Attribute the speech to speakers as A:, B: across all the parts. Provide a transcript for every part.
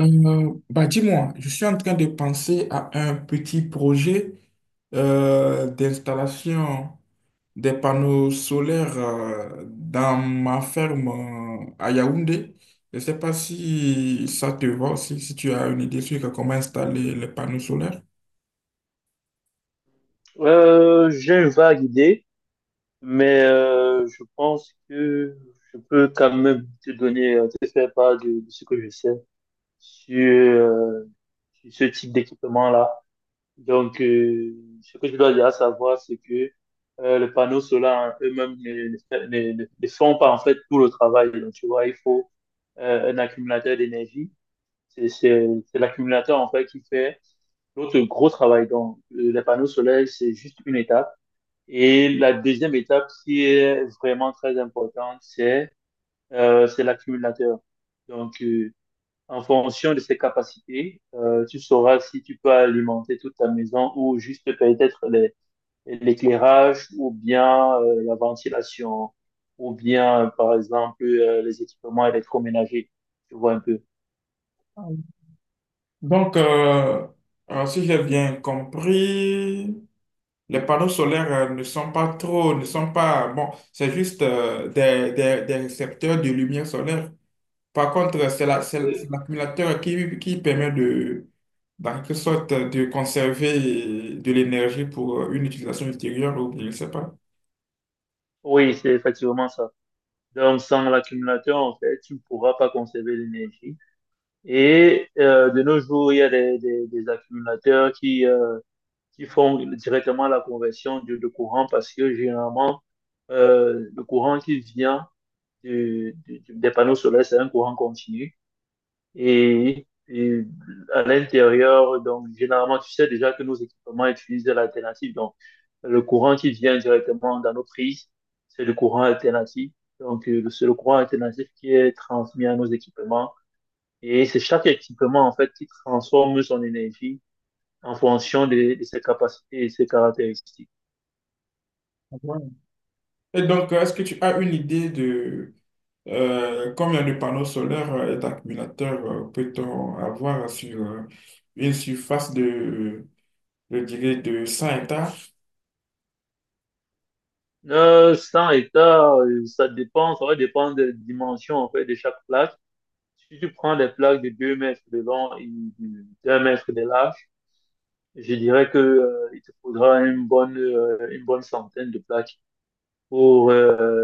A: Bah dis-moi, je suis en train de penser à un petit projet d'installation des panneaux solaires dans ma ferme à Yaoundé. Je ne sais pas si ça te va, si tu as une idée sur comment installer les panneaux solaires.
B: J'ai une vague idée, mais je pense que je peux quand même te donner, te faire part de ce que je sais sur sur ce type d'équipement-là. Donc, ce que je dois déjà savoir, c'est que les panneaux solaires en eux-mêmes ne font pas en fait tout le travail. Donc, tu vois, il faut un accumulateur d'énergie. C'est l'accumulateur en fait qui fait l'autre gros travail. Donc, les panneaux solaires, c'est juste une étape. Et la deuxième étape qui est vraiment très importante, c'est l'accumulateur. Donc, en fonction de ses capacités, tu sauras si tu peux alimenter toute ta maison ou juste peut-être l'éclairage ou bien la ventilation ou bien, par exemple, les équipements électroménagers. Tu vois un peu.
A: Donc, euh, Si j'ai bien compris, les panneaux solaires ne sont pas trop, ne sont pas, bon, c'est juste des récepteurs de lumière solaire. Par contre, c'est la- c'est
B: Oui.
A: l'accumulateur qui permet de, dans quelque sorte, de conserver de l'énergie pour une utilisation ultérieure ou je ne sais pas.
B: Oui, c'est effectivement ça. Donc, sans l'accumulateur, en fait, tu ne pourras pas conserver l'énergie. Et de nos jours, il y a des accumulateurs qui qui font directement la conversion de courant parce que généralement, le courant qui vient des panneaux solaires, c'est un courant continu. Et à l'intérieur, donc généralement, tu sais déjà que nos équipements utilisent de l'alternative. Donc, le courant qui vient directement dans nos prises, c'est le courant alternatif. Donc, c'est le courant alternatif qui est transmis à nos équipements et c'est chaque équipement, en fait, qui transforme son énergie en fonction de ses capacités et ses caractéristiques.
A: Ouais. Et donc, est-ce que tu as une idée de combien de panneaux solaires et d'accumulateurs peut-on avoir sur une surface de, je dirais, de 100 hectares?
B: 100 hectares, ça dépend, ça va dépendre des dimensions, en fait, de chaque plaque. Si tu prends des plaques de 2 mètres de long et de 2 mètres de large, je dirais que, il te faudra une bonne centaine de plaques pour, euh,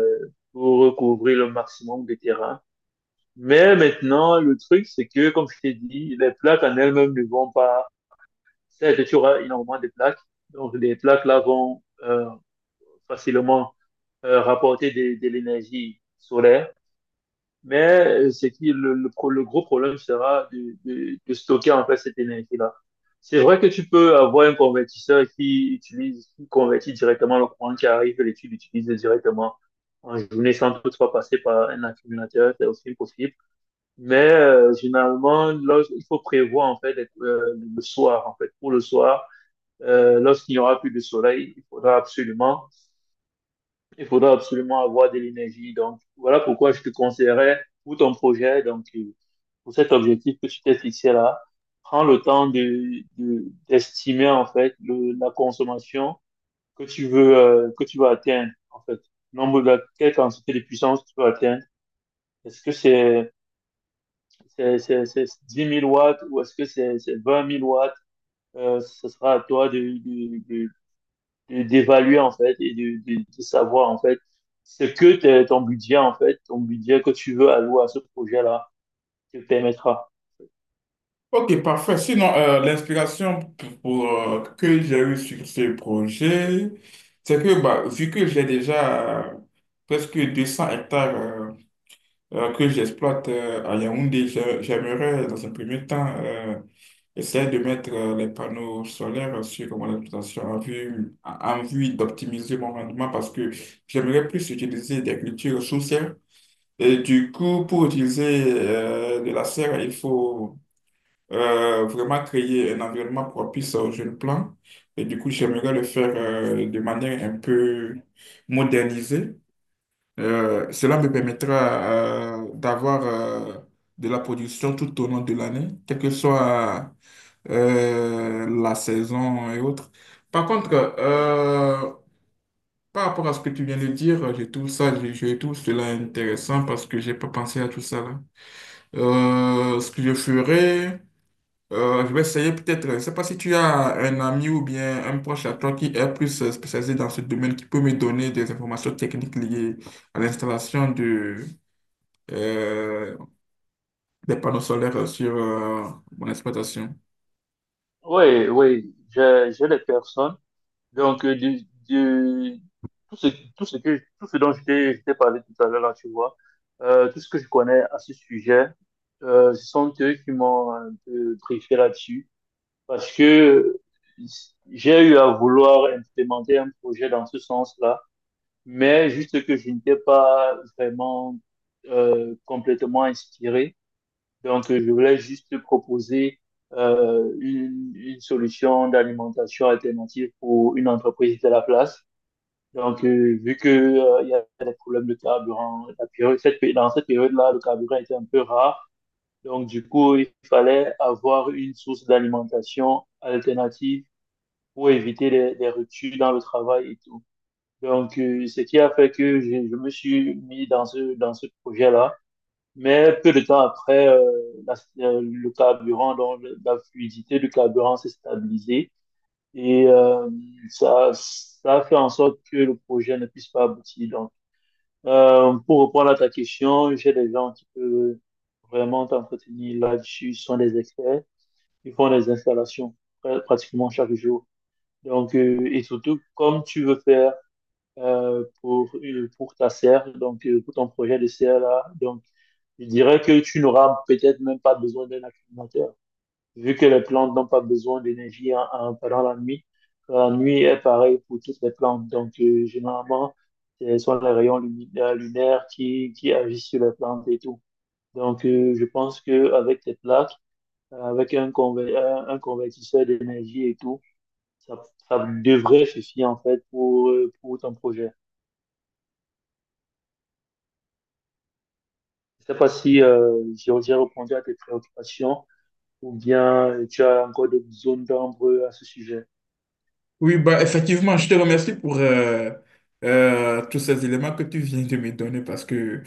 B: pour recouvrir le maximum de terrain. Mais maintenant, le truc, c'est que, comme je t'ai dit, les plaques en elles-mêmes ne vont pas. Certes, tu auras énormément de plaques. Donc, les plaques là vont facilement rapporter de l'énergie solaire. Mais c'est qui le gros problème sera de stocker en fait cette énergie-là. C'est vrai que tu peux avoir un convertisseur qui utilise, qui convertit directement le courant qui arrive et tu l'utilises directement en journée sans toutefois passer par un accumulateur, c'est aussi possible. Mais généralement, là, il faut prévoir en fait d'être, le soir en fait pour le soir lorsqu'il n'y aura plus de soleil, il faudra absolument avoir de l'énergie. Donc, voilà pourquoi je te conseillerais pour ton projet, donc, pour cet objectif que tu t'es fixé là, prends le temps d'estimer, en fait, la consommation que tu veux, que tu vas atteindre, en fait. Nombre de, quelle quantité de puissance tu veux atteindre. Est-ce que c'est 10 000 watts ou est-ce que c'est 20 000 watts? Ce sera à toi d'évaluer en fait et de savoir en fait ce que ton budget en fait, ton budget que tu veux allouer à ce projet-là te permettra.
A: Ok, parfait. Sinon, l'inspiration que j'ai eue sur ce projet, c'est que bah, vu que j'ai déjà presque 200 hectares que j'exploite à Yaoundé, j'aimerais dans un premier temps essayer de mettre les panneaux solaires sur mon exploitation en vue d'optimiser mon rendement parce que j'aimerais plus utiliser des cultures sous serre. Et du coup, pour utiliser de la serre, il faut vraiment créer un environnement propice aux jeunes plants. Et du coup, j'aimerais le faire de manière un peu modernisée. Cela me permettra d'avoir de la production tout au long de l'année, quelle que soit la saison et autres. Par contre,
B: Oui,
A: euh, Par rapport à ce que tu viens de dire, je trouve ça, je trouve cela intéressant parce que j'ai pas pensé à tout ça là. Ce que je ferais, je vais essayer peut-être. Je ne sais pas si tu as un ami ou bien un proche à toi qui est plus spécialisé dans ce domaine, qui peut me donner des informations techniques liées à l'installation de, euh, des panneaux solaires sur mon exploitation.
B: oui, oui, j'ai des personnes. Donc, de- tout ce, tout ce que, tout ce dont je t'ai parlé tout à l'heure, là, tu vois, tout ce que je connais à ce sujet, ce sont eux qui m'ont un peu briefé là-dessus. Parce que j'ai eu à vouloir implémenter un projet dans ce sens-là, mais juste que je n'étais pas vraiment complètement inspiré. Donc, je voulais juste proposer une solution d'alimentation alternative pour une entreprise de la place. Donc, vu que, il y a des problèmes de carburant, la période- cette pé- dans cette période-là, le carburant était un peu rare. Donc, du coup, il fallait avoir une source d'alimentation alternative pour éviter les ruptures dans le travail et tout. Donc, ce qui a fait que je me suis mis dans ce projet-là. Mais peu de temps après, la- le carburant, donc la fluidité du carburant s'est stabilisée et ça a fait en sorte que le projet ne puisse pas aboutir. Donc, pour répondre à ta question, j'ai des gens qui peuvent vraiment t'entretenir là-dessus. Ce sont des experts. Ils font des installations pratiquement chaque jour. Donc, et surtout, comme tu veux faire pour ta serre, donc pour ton projet de serre là. Donc, je dirais que tu n'auras peut-être même pas besoin d'un accumulateur, vu que les plantes n'ont pas besoin d'énergie pendant la nuit. La nuit est pareil pour toutes les plantes. Donc, généralement, ce sont les rayons lunaires qui agissent sur les plantes et tout. Donc, je pense qu'avec tes plaques, avec un convertisseur d'énergie et tout, ça, ça devrait suffire en fait pour ton projet. Je sais pas si j'ai répondu à tes préoccupations ou bien tu as encore des zones d'ombre à ce sujet.
A: Oui, bah, effectivement, je te remercie pour tous ces éléments que tu viens de me donner parce que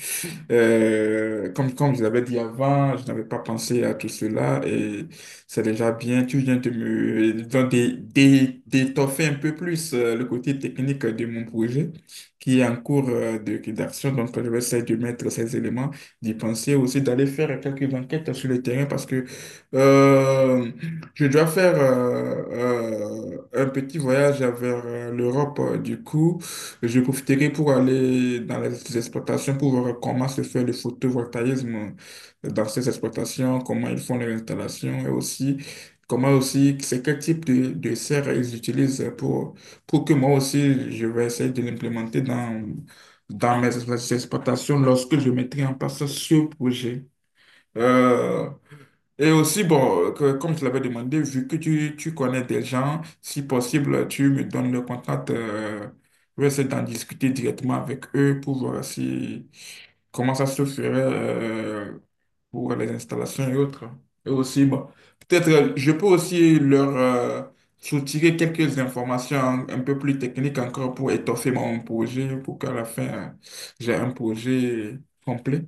A: Comme je l'avais dit avant, je n'avais pas pensé à tout cela et c'est déjà bien. Tu viens de me donc, d'étoffer un peu plus le côté technique de mon projet qui est en cours de rédaction. Donc, je vais essayer de mettre ces éléments, d'y penser aussi, d'aller faire quelques enquêtes sur le terrain parce que euh, je dois faire un petit voyage vers l'Europe du coup. Je profiterai pour aller dans les exploitations pour voir comment se fait le photovoltaïsme dans ces exploitations, comment ils font les installations et aussi comment aussi c'est quel type de serre ils utilisent pour que moi aussi je vais essayer de l'implémenter dans, dans mes exploitations lorsque je mettrai en place ce projet. Euh, et aussi, bon, comme tu l'avais demandé, vu que tu connais des gens, si possible, tu me donnes le contact. Je vais essayer d'en discuter directement avec eux pour voir si, comment ça se ferait pour les installations et autres. Et aussi, bon, peut-être je peux aussi leur soutirer quelques informations un peu plus techniques encore pour étoffer mon projet, pour qu'à la fin, j'ai un projet complet.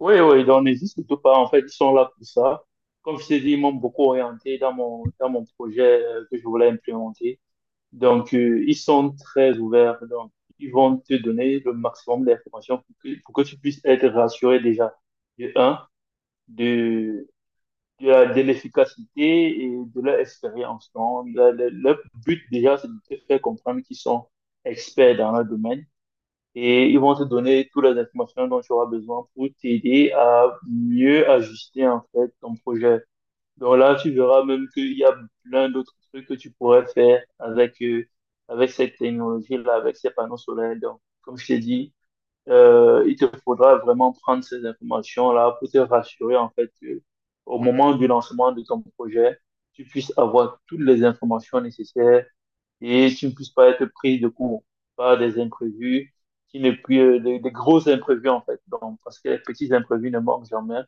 B: Oui, oui, donc n'hésite surtout pas. En fait, ils sont là pour ça. Comme je t'ai dit, ils m'ont beaucoup orienté dans mon projet que je voulais implémenter. Donc, ils sont très ouverts. Donc, ils vont te donner le maximum d'informations pour que tu puisses être rassuré déjà. De un, de, de l'efficacité et de leur expérience. Donc, leur but déjà, c'est de te faire comprendre qu'ils sont experts dans leur domaine et ils vont te donner toutes les informations dont tu auras besoin pour t'aider à mieux ajuster en fait ton projet. Donc là, tu verras même qu'il y a plein d'autres trucs que tu pourrais faire avec, avec cette technologie-là, avec ces panneaux solaires. Donc, comme je t'ai dit, il te faudra vraiment prendre ces informations-là pour te rassurer, en fait, que au moment du lancement de ton projet, tu puisses avoir toutes les informations nécessaires et tu ne puisses pas être pris de court par des imprévus, qui ne puis, des gros imprévus, en fait. Donc, parce que les petits imprévus ne manquent jamais.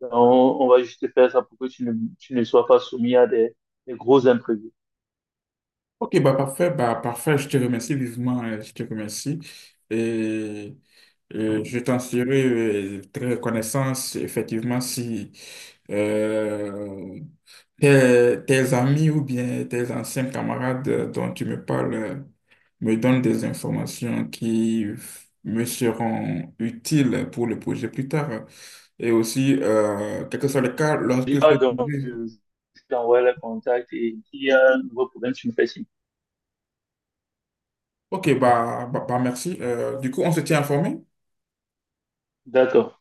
B: Donc, on va juste faire ça pour que tu ne sois pas soumis à des gros imprévus.
A: Ok, bah parfait, je te remercie vivement, je te remercie. Et, je t'en serai très reconnaissant, effectivement, si euh, tes amis ou bien tes anciens camarades dont tu me parles me donnent des informations me seront utiles pour le projet plus tard. Et aussi, quel que soit le cas, lorsque ce
B: Donc,
A: projet...
B: euh, je t'envoie le contact et s'il y a un nouveau problème, tu me fais signe.
A: Ok, bah, bah, bah, merci. Du coup, on se tient informé?
B: D'accord.